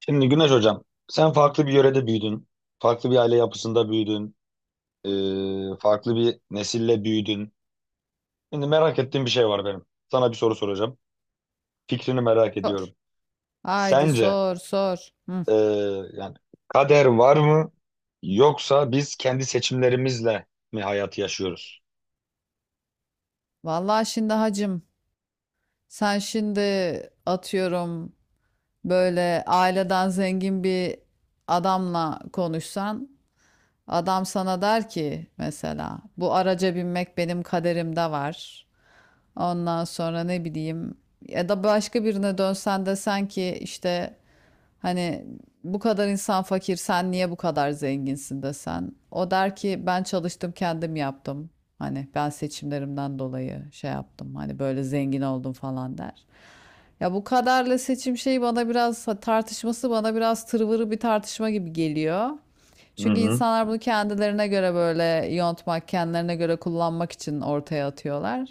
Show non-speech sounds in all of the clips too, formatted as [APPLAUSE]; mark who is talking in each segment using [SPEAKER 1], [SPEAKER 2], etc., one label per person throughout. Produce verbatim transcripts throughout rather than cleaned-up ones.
[SPEAKER 1] Şimdi Güneş Hocam, sen farklı bir yörede büyüdün, farklı bir aile yapısında büyüdün, e, farklı bir nesille büyüdün. Şimdi merak ettiğim bir şey var benim. Sana bir soru soracağım. Fikrini merak
[SPEAKER 2] Sor.
[SPEAKER 1] ediyorum.
[SPEAKER 2] Haydi
[SPEAKER 1] Sence
[SPEAKER 2] sor sor. Hı.
[SPEAKER 1] e, yani kader var mı yoksa biz kendi seçimlerimizle mi hayatı yaşıyoruz?
[SPEAKER 2] Vallahi şimdi hacım sen şimdi atıyorum böyle aileden zengin bir adamla konuşsan adam sana der ki mesela bu araca binmek benim kaderimde var. Ondan sonra ne bileyim ya da başka birine dönsen desen ki işte hani bu kadar insan fakir sen niye bu kadar zenginsin desen. O der ki ben çalıştım kendim yaptım. Hani ben seçimlerimden dolayı şey yaptım. Hani böyle zengin oldum falan der. Ya bu kadarla seçim şeyi bana biraz tartışması bana biraz tırvırı bir tartışma gibi geliyor.
[SPEAKER 1] Hı
[SPEAKER 2] Çünkü
[SPEAKER 1] hı.
[SPEAKER 2] insanlar bunu kendilerine göre böyle yontmak, kendilerine göre kullanmak için ortaya atıyorlar.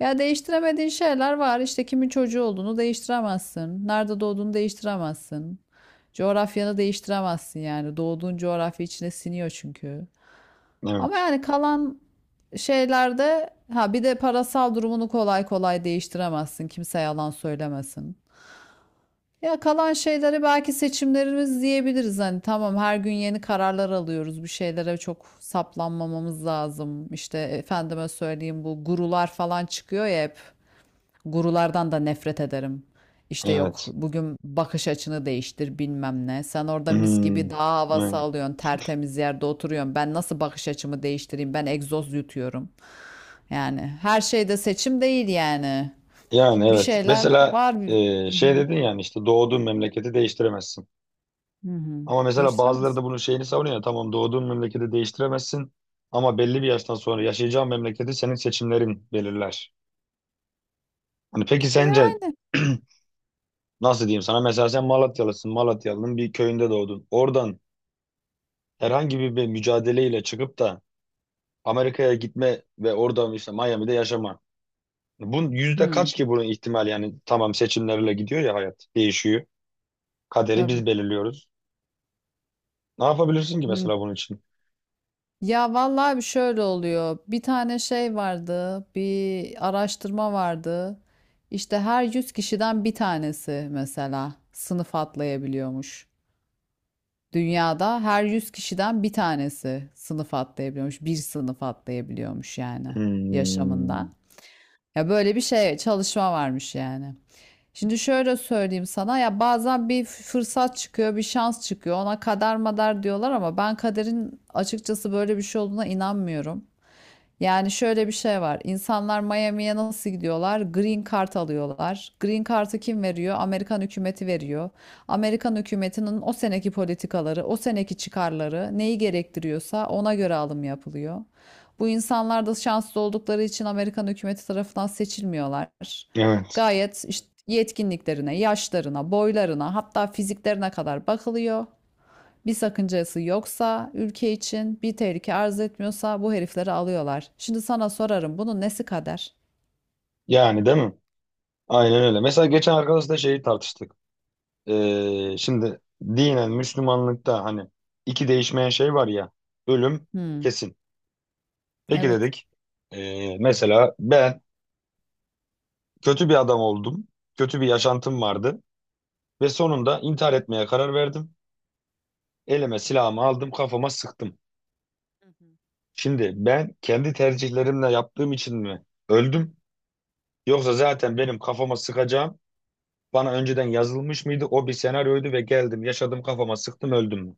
[SPEAKER 2] Ya değiştiremediğin şeyler var. İşte kimin çocuğu olduğunu değiştiremezsin. Nerede doğduğunu değiştiremezsin. Coğrafyanı değiştiremezsin yani. Doğduğun coğrafya içine siniyor çünkü. Ama
[SPEAKER 1] Evet,
[SPEAKER 2] yani kalan şeylerde ha bir de parasal durumunu kolay kolay değiştiremezsin. Kimse yalan söylemesin. Ya kalan şeyleri belki seçimlerimiz diyebiliriz. Hani tamam her gün yeni kararlar alıyoruz. Bir şeylere çok saplanmamamız lazım. İşte efendime söyleyeyim bu gurular falan çıkıyor ya hep. Gurulardan da nefret ederim. İşte yok
[SPEAKER 1] evet.
[SPEAKER 2] bugün bakış açını değiştir bilmem ne. Sen orada mis
[SPEAKER 1] Hmm,
[SPEAKER 2] gibi dağ havası
[SPEAKER 1] evet.
[SPEAKER 2] alıyorsun, tertemiz yerde oturuyorsun. Ben nasıl bakış açımı değiştireyim? Ben egzoz yutuyorum. Yani her şeyde seçim değil yani.
[SPEAKER 1] Yani
[SPEAKER 2] Bir
[SPEAKER 1] evet.
[SPEAKER 2] şeyler
[SPEAKER 1] Mesela
[SPEAKER 2] var. bir-
[SPEAKER 1] e,
[SPEAKER 2] Hı
[SPEAKER 1] şey
[SPEAKER 2] hı.
[SPEAKER 1] dedin yani işte doğduğun memleketi değiştiremezsin.
[SPEAKER 2] Hı hı.
[SPEAKER 1] Ama mesela bazıları
[SPEAKER 2] Değiştiremez.
[SPEAKER 1] da bunun şeyini savunuyor. Tamam doğduğun memleketi değiştiremezsin ama belli bir yaştan sonra yaşayacağın memleketi senin seçimlerin belirler. Hani peki sence
[SPEAKER 2] Yani.
[SPEAKER 1] [CLEARS THROAT] nasıl diyeyim sana mesela sen Malatyalısın. Malatyalı'nın bir köyünde doğdun. Oradan herhangi bir, bir mücadeleyle çıkıp da Amerika'ya gitme ve orada işte Miami'de yaşama. Bunun yüzde
[SPEAKER 2] Hı,
[SPEAKER 1] kaç ki bunun ihtimal yani tamam seçimlerle gidiyor ya hayat değişiyor. Kaderi
[SPEAKER 2] tabii.
[SPEAKER 1] biz belirliyoruz. Ne yapabilirsin ki
[SPEAKER 2] Hı.
[SPEAKER 1] mesela bunun için?
[SPEAKER 2] Ya vallahi bir şöyle oluyor. Bir tane şey vardı, bir araştırma vardı. İşte her yüz kişiden bir tanesi mesela sınıf atlayabiliyormuş. Dünyada her yüz kişiden bir tanesi sınıf atlayabiliyormuş. Bir sınıf atlayabiliyormuş yani
[SPEAKER 1] Hmm,
[SPEAKER 2] yaşamında. Ya böyle bir şey çalışma varmış yani. Şimdi şöyle söyleyeyim sana ya bazen bir fırsat çıkıyor, bir şans çıkıyor. Ona kader madar diyorlar ama ben kaderin açıkçası böyle bir şey olduğuna inanmıyorum. Yani şöyle bir şey var. İnsanlar Miami'ye nasıl gidiyorlar? Green Card alıyorlar. Green Card'ı kim veriyor? Amerikan hükümeti veriyor. Amerikan hükümetinin o seneki politikaları, o seneki çıkarları neyi gerektiriyorsa ona göre alım yapılıyor. Bu insanlar da şanslı oldukları için Amerikan hükümeti tarafından seçilmiyorlar.
[SPEAKER 1] evet.
[SPEAKER 2] Gayet işte yetkinliklerine, yaşlarına, boylarına, hatta fiziklerine kadar bakılıyor. Bir sakıncası yoksa, ülke için bir tehlike arz etmiyorsa bu herifleri alıyorlar. Şimdi sana sorarım bunun nesi kader?
[SPEAKER 1] Yani değil mi? Aynen öyle. Mesela geçen arkadaşla şeyi tartıştık. Ee, şimdi dinen Müslümanlıkta hani iki değişmeyen şey var ya. Ölüm
[SPEAKER 2] Hmm,
[SPEAKER 1] kesin. Peki
[SPEAKER 2] evet.
[SPEAKER 1] dedik. Ee, mesela ben kötü bir adam oldum. Kötü bir yaşantım vardı. Ve sonunda intihar etmeye karar verdim. Elime silahımı aldım kafama sıktım. Şimdi ben kendi tercihlerimle yaptığım için mi öldüm? Yoksa zaten benim kafama sıkacağım. Bana önceden yazılmış mıydı? O bir senaryoydu ve geldim yaşadım kafama sıktım öldüm mü?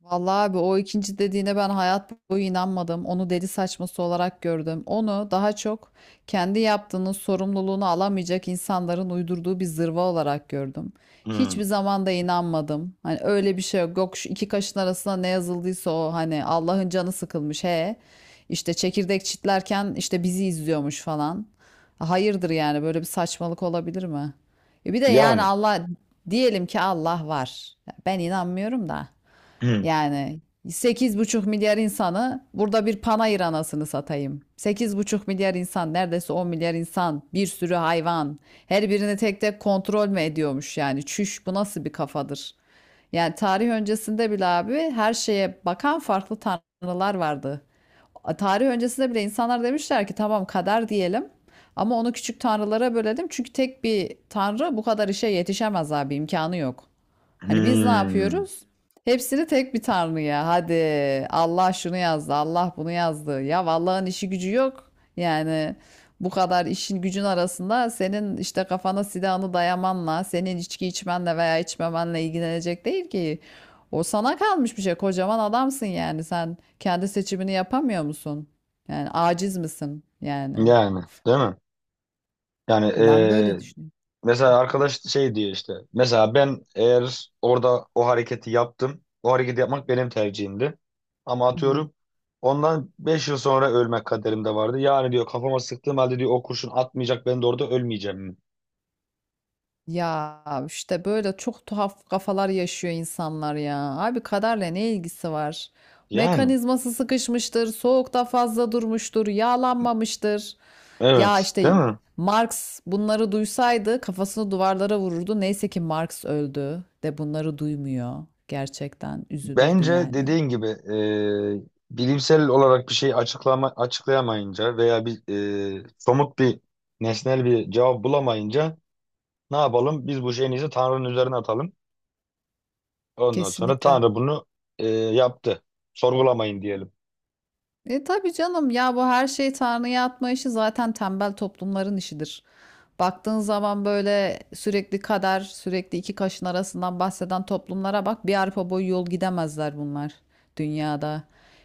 [SPEAKER 2] Vallahi abi o ikinci dediğine ben hayat boyu inanmadım. Onu deli saçması olarak gördüm. Onu daha çok kendi yaptığının sorumluluğunu alamayacak insanların uydurduğu bir zırva olarak gördüm.
[SPEAKER 1] Hmm.
[SPEAKER 2] Hiçbir zaman da inanmadım. Hani öyle bir şey yok. Yok şu iki kaşın arasında ne yazıldıysa o hani Allah'ın canı sıkılmış he. İşte çekirdek çitlerken işte bizi izliyormuş falan. Hayırdır yani böyle bir saçmalık olabilir mi? E bir de yani
[SPEAKER 1] Yani.
[SPEAKER 2] Allah diyelim ki Allah var. Ben inanmıyorum da.
[SPEAKER 1] Hmm.
[SPEAKER 2] Yani sekiz buçuk milyar insanı burada bir panayır anasını satayım. Sekiz buçuk milyar insan, neredeyse on milyar insan, bir sürü hayvan. Her birini tek tek kontrol mü ediyormuş yani? Çüş bu nasıl bir kafadır? Yani tarih öncesinde bile abi her şeye bakan farklı tanrılar vardı tarih öncesinde bile insanlar demişler ki tamam kader diyelim ama onu küçük tanrılara bölelim. Çünkü tek bir tanrı bu kadar işe yetişemez abi imkanı yok. Hani biz ne
[SPEAKER 1] Hmm.
[SPEAKER 2] yapıyoruz? Hepsini tek bir tanrıya. Hadi Allah şunu yazdı, Allah bunu yazdı. Ya Allah'ın işi gücü yok. Yani bu kadar işin gücün arasında senin işte kafana silahını dayamanla, senin içki içmenle veya içmemenle ilgilenecek değil ki. O sana kalmış bir şey. Kocaman adamsın yani. Sen kendi seçimini yapamıyor musun? Yani aciz misin yani?
[SPEAKER 1] Yani değil mi? Yani
[SPEAKER 2] Ben böyle
[SPEAKER 1] eee,
[SPEAKER 2] düşünüyorum.
[SPEAKER 1] mesela arkadaş şey diyor işte. Mesela ben eğer orada o hareketi yaptım. O hareketi yapmak benim tercihimdi. Ama
[SPEAKER 2] Hı hı.
[SPEAKER 1] atıyorum ondan beş yıl sonra ölmek kaderimde vardı. Yani diyor kafama sıktığım halde diyor o kurşun atmayacak ben de orada ölmeyeceğim mi?
[SPEAKER 2] Ya işte böyle çok tuhaf kafalar yaşıyor insanlar ya. Abi kaderle ne ilgisi var?
[SPEAKER 1] Yani.
[SPEAKER 2] Mekanizması sıkışmıştır, soğukta fazla durmuştur, yağlanmamıştır. Ya
[SPEAKER 1] Evet. Değil
[SPEAKER 2] işte
[SPEAKER 1] mi?
[SPEAKER 2] Marx bunları duysaydı kafasını duvarlara vururdu. Neyse ki Marx öldü de bunları duymuyor. Gerçekten üzülürdü
[SPEAKER 1] Bence
[SPEAKER 2] yani.
[SPEAKER 1] dediğin gibi e, bilimsel olarak bir şey açıklama, açıklayamayınca veya bir e, somut bir nesnel bir cevap bulamayınca ne yapalım? Biz bu şeyin izi Tanrı'nın üzerine atalım. Ondan sonra
[SPEAKER 2] Kesinlikle.
[SPEAKER 1] Tanrı bunu e, yaptı. Sorgulamayın diyelim.
[SPEAKER 2] E tabii canım ya bu her şeyi Tanrı'ya atma işi zaten tembel toplumların işidir. Baktığın zaman böyle sürekli kader, sürekli iki kaşın arasından bahseden toplumlara bak bir arpa boyu yol gidemezler bunlar dünyada.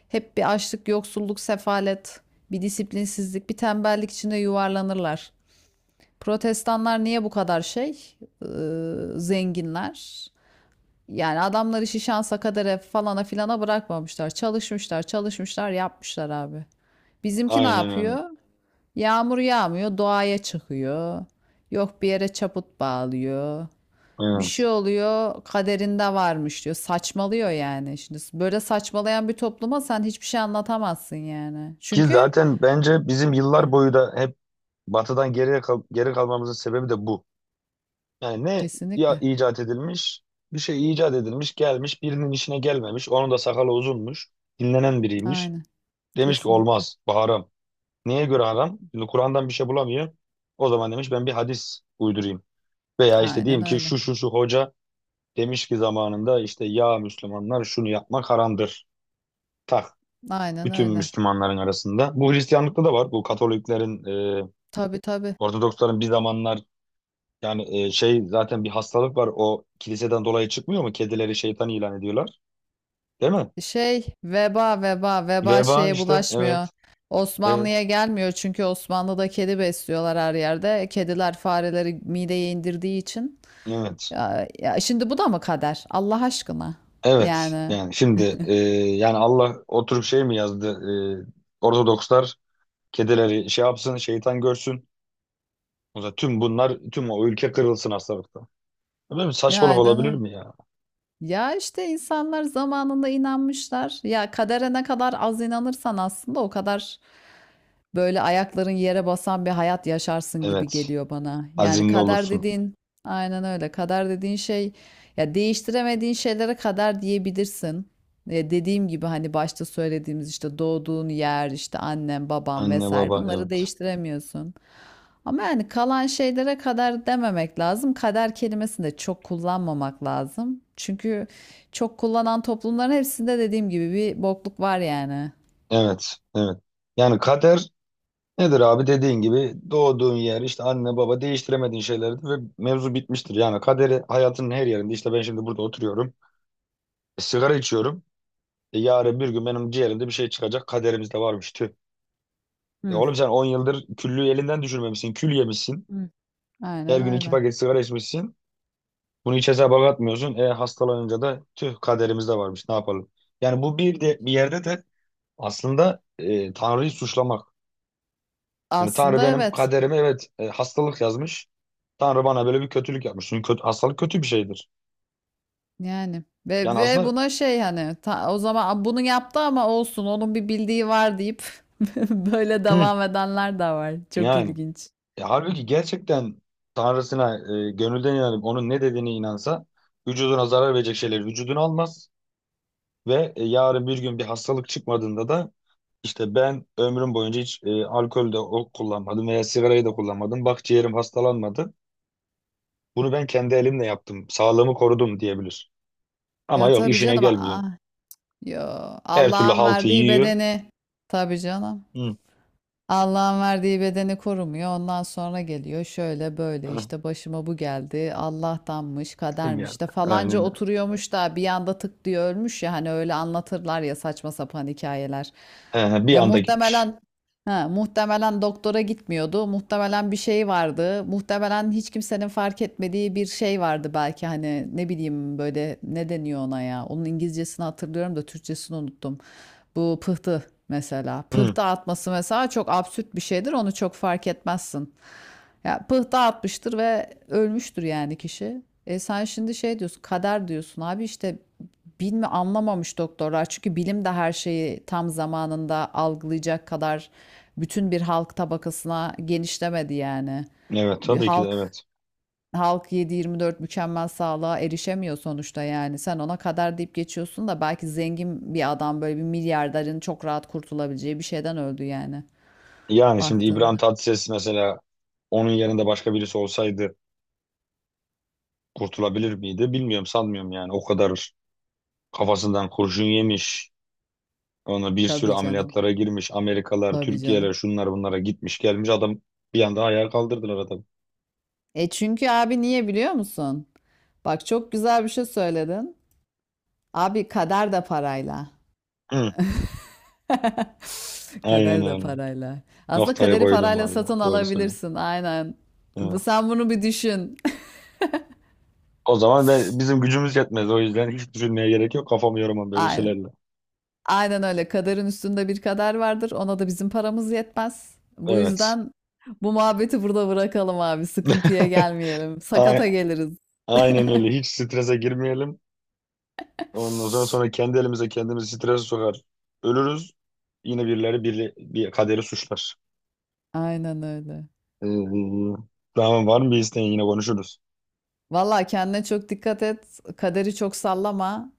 [SPEAKER 2] Hep bir açlık, yoksulluk, sefalet, bir disiplinsizlik, bir tembellik içinde yuvarlanırlar. Protestanlar niye bu kadar şey? Ee, zenginler. Yani adamlar işi şansa kadere falana filana bırakmamışlar. Çalışmışlar, çalışmışlar, yapmışlar abi. Bizimki ne
[SPEAKER 1] Aynen öyle.
[SPEAKER 2] yapıyor? Yağmur yağmıyor, doğaya çıkıyor. Yok bir yere çaput bağlıyor. Bir şey
[SPEAKER 1] Evet.
[SPEAKER 2] oluyor, kaderinde varmış diyor. Saçmalıyor yani. Şimdi böyle saçmalayan bir topluma sen hiçbir şey anlatamazsın yani.
[SPEAKER 1] Ki
[SPEAKER 2] Çünkü
[SPEAKER 1] zaten bence bizim
[SPEAKER 2] Heh,
[SPEAKER 1] yıllar boyu da hep batıdan geriye kal- geri kalmamızın sebebi de bu. Yani ne ya
[SPEAKER 2] kesinlikle.
[SPEAKER 1] icat edilmiş, bir şey icat edilmiş, gelmiş, birinin işine gelmemiş. Onun da sakalı uzunmuş, dinlenen biriymiş.
[SPEAKER 2] Aynen.
[SPEAKER 1] Demiş ki
[SPEAKER 2] Kesinlikle.
[SPEAKER 1] olmaz, bu haram. Neye göre haram? Şimdi Kur'an'dan bir şey bulamıyor. O zaman demiş ben bir hadis uydurayım. Veya işte
[SPEAKER 2] Aynen
[SPEAKER 1] diyeyim ki
[SPEAKER 2] öyle.
[SPEAKER 1] şu şu şu hoca demiş ki zamanında işte ya Müslümanlar şunu yapmak haramdır. Tak.
[SPEAKER 2] Aynen
[SPEAKER 1] Bütün
[SPEAKER 2] öyle.
[SPEAKER 1] Müslümanların arasında. Bu Hristiyanlıkta da var. Bu Katoliklerin, e,
[SPEAKER 2] Tabii tabii.
[SPEAKER 1] Ortodoksların bir zamanlar. Yani e, şey zaten bir hastalık var o kiliseden dolayı çıkmıyor mu? Kedileri şeytan ilan ediyorlar. Değil mi?
[SPEAKER 2] Şey veba veba veba
[SPEAKER 1] Veba
[SPEAKER 2] şeye
[SPEAKER 1] işte
[SPEAKER 2] bulaşmıyor.
[SPEAKER 1] evet evet
[SPEAKER 2] Osmanlı'ya gelmiyor çünkü Osmanlı'da kedi besliyorlar her yerde. Kediler fareleri mideye indirdiği için.
[SPEAKER 1] evet
[SPEAKER 2] Ya, ya şimdi bu da mı kader? Allah aşkına.
[SPEAKER 1] evet
[SPEAKER 2] Yani
[SPEAKER 1] yani şimdi e, yani Allah oturup şey mi yazdı e, Ortodokslar kedileri şey yapsın şeytan görsün. O zaman tüm bunlar tüm o ülke kırılsın hastalıkta. Böyle bir saçmalık
[SPEAKER 2] yani
[SPEAKER 1] olabilir
[SPEAKER 2] yani.
[SPEAKER 1] mi ya?
[SPEAKER 2] Ya işte insanlar zamanında inanmışlar. Ya kadere ne kadar az inanırsan aslında o kadar böyle ayakların yere basan bir hayat yaşarsın gibi
[SPEAKER 1] Evet
[SPEAKER 2] geliyor bana. Yani
[SPEAKER 1] azimli
[SPEAKER 2] kader
[SPEAKER 1] olursun
[SPEAKER 2] dediğin aynen öyle. Kader dediğin şey ya değiştiremediğin şeylere kader diyebilirsin. E, dediğim gibi hani başta söylediğimiz işte doğduğun yer, işte annen, baban
[SPEAKER 1] anne
[SPEAKER 2] vesaire
[SPEAKER 1] baba
[SPEAKER 2] bunları
[SPEAKER 1] evet
[SPEAKER 2] değiştiremiyorsun. Ama yani kalan şeylere kader dememek lazım. Kader kelimesini de çok kullanmamak lazım. Çünkü çok kullanan toplumların hepsinde dediğim gibi bir bokluk var yani.
[SPEAKER 1] evet evet yani kader nedir abi dediğin gibi doğduğun yer işte anne baba değiştiremediğin şeylerdir ve mevzu bitmiştir. Yani kaderi hayatının her yerinde işte ben şimdi burada oturuyorum e, sigara içiyorum. E, yarın bir gün benim ciğerimde bir şey çıkacak kaderimizde varmış tüh. E
[SPEAKER 2] Hı.
[SPEAKER 1] oğlum sen on yıldır küllüğü elinden düşürmemişsin kül yemişsin.
[SPEAKER 2] Hı. Aynen
[SPEAKER 1] Her gün iki
[SPEAKER 2] öyle.
[SPEAKER 1] paket sigara içmişsin. Bunu hiç hesaba katmıyorsun. E hastalanınca da tüh kaderimizde varmış ne yapalım. Yani bu bir de bir yerde de aslında e, Tanrı'yı suçlamak. Yani Tanrı
[SPEAKER 2] Aslında
[SPEAKER 1] benim
[SPEAKER 2] evet.
[SPEAKER 1] kaderime evet e, hastalık yazmış. Tanrı bana böyle bir kötülük yapmış. Çünkü kötü, hastalık kötü bir şeydir.
[SPEAKER 2] Yani ve
[SPEAKER 1] Yani
[SPEAKER 2] ve
[SPEAKER 1] aslında
[SPEAKER 2] buna şey hani ta- o zaman bunu yaptı ama olsun onun bir bildiği var deyip [LAUGHS] böyle
[SPEAKER 1] hı,
[SPEAKER 2] devam edenler de var. Çok
[SPEAKER 1] yani.
[SPEAKER 2] ilginç.
[SPEAKER 1] E, halbuki gerçekten Tanrısına e, gönülden inanıp onun ne dediğine inansa vücuduna zarar verecek şeyleri vücuduna almaz ve e, yarın bir gün bir hastalık çıkmadığında da işte ben ömrüm boyunca hiç e, alkol de o- kullanmadım veya sigarayı da kullanmadım. Bak ciğerim hastalanmadı. Bunu ben kendi elimle yaptım. Sağlığımı korudum diyebilir. Ama
[SPEAKER 2] Ya
[SPEAKER 1] yok
[SPEAKER 2] tabii
[SPEAKER 1] işine
[SPEAKER 2] canım.
[SPEAKER 1] gelmiyor.
[SPEAKER 2] Ah, yo.
[SPEAKER 1] Her türlü
[SPEAKER 2] Allah'ın
[SPEAKER 1] haltı
[SPEAKER 2] verdiği
[SPEAKER 1] yiyor.
[SPEAKER 2] bedeni. Tabii canım.
[SPEAKER 1] Hı.
[SPEAKER 2] Allah'ın verdiği bedeni korumuyor. Ondan sonra geliyor şöyle böyle işte
[SPEAKER 1] [LAUGHS]
[SPEAKER 2] başıma bu geldi. Allah'tanmış,
[SPEAKER 1] Geldi.
[SPEAKER 2] kadermiş de
[SPEAKER 1] Aynen
[SPEAKER 2] falanca
[SPEAKER 1] öyle.
[SPEAKER 2] oturuyormuş da bir anda tık diye ölmüş ya hani öyle anlatırlar ya saçma sapan hikayeler.
[SPEAKER 1] Ee, bir
[SPEAKER 2] Ya
[SPEAKER 1] anda gitmiş.
[SPEAKER 2] muhtemelen ha, muhtemelen doktora gitmiyordu. Muhtemelen bir şey vardı. Muhtemelen hiç kimsenin fark etmediği bir şey vardı belki hani ne bileyim böyle ne deniyor ona ya. Onun İngilizcesini hatırlıyorum da Türkçesini unuttum. Bu pıhtı mesela.
[SPEAKER 1] Hı.
[SPEAKER 2] Pıhtı atması mesela çok absürt bir şeydir. Onu çok fark etmezsin. Ya pıhtı atmıştır ve ölmüştür yani kişi. E sen şimdi şey diyorsun, kader diyorsun. Abi işte bilme anlamamış doktorlar. Çünkü bilim de her şeyi tam zamanında algılayacak kadar bütün bir halk tabakasına genişlemedi yani.
[SPEAKER 1] Evet
[SPEAKER 2] Bir
[SPEAKER 1] tabii ki de
[SPEAKER 2] halk
[SPEAKER 1] evet.
[SPEAKER 2] halk yedi yirmi dört mükemmel sağlığa erişemiyor sonuçta yani. Sen ona kadar deyip geçiyorsun da belki zengin bir adam böyle bir milyarderin çok rahat kurtulabileceği bir şeyden öldü yani
[SPEAKER 1] Yani şimdi
[SPEAKER 2] baktığında.
[SPEAKER 1] İbrahim Tatlıses mesela onun yerinde başka birisi olsaydı kurtulabilir miydi? Bilmiyorum sanmıyorum yani. O kadar kafasından kurşun yemiş. Ona bir sürü
[SPEAKER 2] Tabii canım.
[SPEAKER 1] ameliyatlara girmiş. Amerikalar,
[SPEAKER 2] Tabii
[SPEAKER 1] Türkiye'ler
[SPEAKER 2] canım.
[SPEAKER 1] şunlar bunlara gitmiş gelmiş. Adam bir anda ayağa kaldırdılar adamı.
[SPEAKER 2] E çünkü abi niye biliyor musun? Bak çok güzel bir şey söyledin. Abi kader de parayla.
[SPEAKER 1] Hı.
[SPEAKER 2] [LAUGHS]
[SPEAKER 1] Aynen
[SPEAKER 2] Kader de
[SPEAKER 1] öyle.
[SPEAKER 2] parayla. Aslında
[SPEAKER 1] Noktayı
[SPEAKER 2] kaderi
[SPEAKER 1] koydum
[SPEAKER 2] parayla
[SPEAKER 1] valla.
[SPEAKER 2] satın
[SPEAKER 1] Doğru söylüyorsun.
[SPEAKER 2] alabilirsin. Aynen. Bu
[SPEAKER 1] Evet.
[SPEAKER 2] sen bunu bir düşün.
[SPEAKER 1] O zaman ben, bizim gücümüz yetmez. O yüzden hiç düşünmeye gerek yok. Kafamı yoramam
[SPEAKER 2] [LAUGHS]
[SPEAKER 1] böyle
[SPEAKER 2] Aynen.
[SPEAKER 1] şeylerle.
[SPEAKER 2] Aynen öyle. Kaderin üstünde bir kader vardır. Ona da bizim paramız yetmez. Bu
[SPEAKER 1] Evet.
[SPEAKER 2] yüzden bu muhabbeti burada bırakalım abi. Sıkıntıya
[SPEAKER 1] [LAUGHS]
[SPEAKER 2] gelmeyelim.
[SPEAKER 1] Ay-
[SPEAKER 2] Sakata geliriz.
[SPEAKER 1] Aynen öyle. Hiç strese girmeyelim. Ondan sonra sonra kendi elimize kendimizi strese sokar. Ölürüz. Yine birileri biri, bir kaderi suçlar.
[SPEAKER 2] Aynen öyle.
[SPEAKER 1] Ee, tamam var mı bir isteğin yine konuşuruz.
[SPEAKER 2] Valla kendine çok dikkat et. Kaderi çok sallama.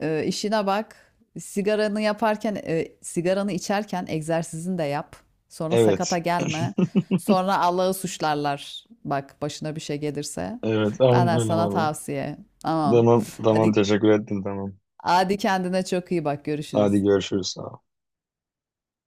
[SPEAKER 2] Ee, işine bak. Sigaranı yaparken, e, sigaranı içerken egzersizini de yap. Sonra sakata
[SPEAKER 1] Evet.
[SPEAKER 2] gelme. Sonra Allah'ı suçlarlar. Bak başına bir şey gelirse.
[SPEAKER 1] Evet. Tamam
[SPEAKER 2] Benden
[SPEAKER 1] öyle
[SPEAKER 2] sana
[SPEAKER 1] var mı?
[SPEAKER 2] tavsiye. Tamam.
[SPEAKER 1] Tamam. Tamam
[SPEAKER 2] Hadi
[SPEAKER 1] teşekkür ettim tamam.
[SPEAKER 2] Hadi kendine çok iyi bak.
[SPEAKER 1] Hadi
[SPEAKER 2] Görüşürüz.
[SPEAKER 1] görüşürüz. Sağ ol.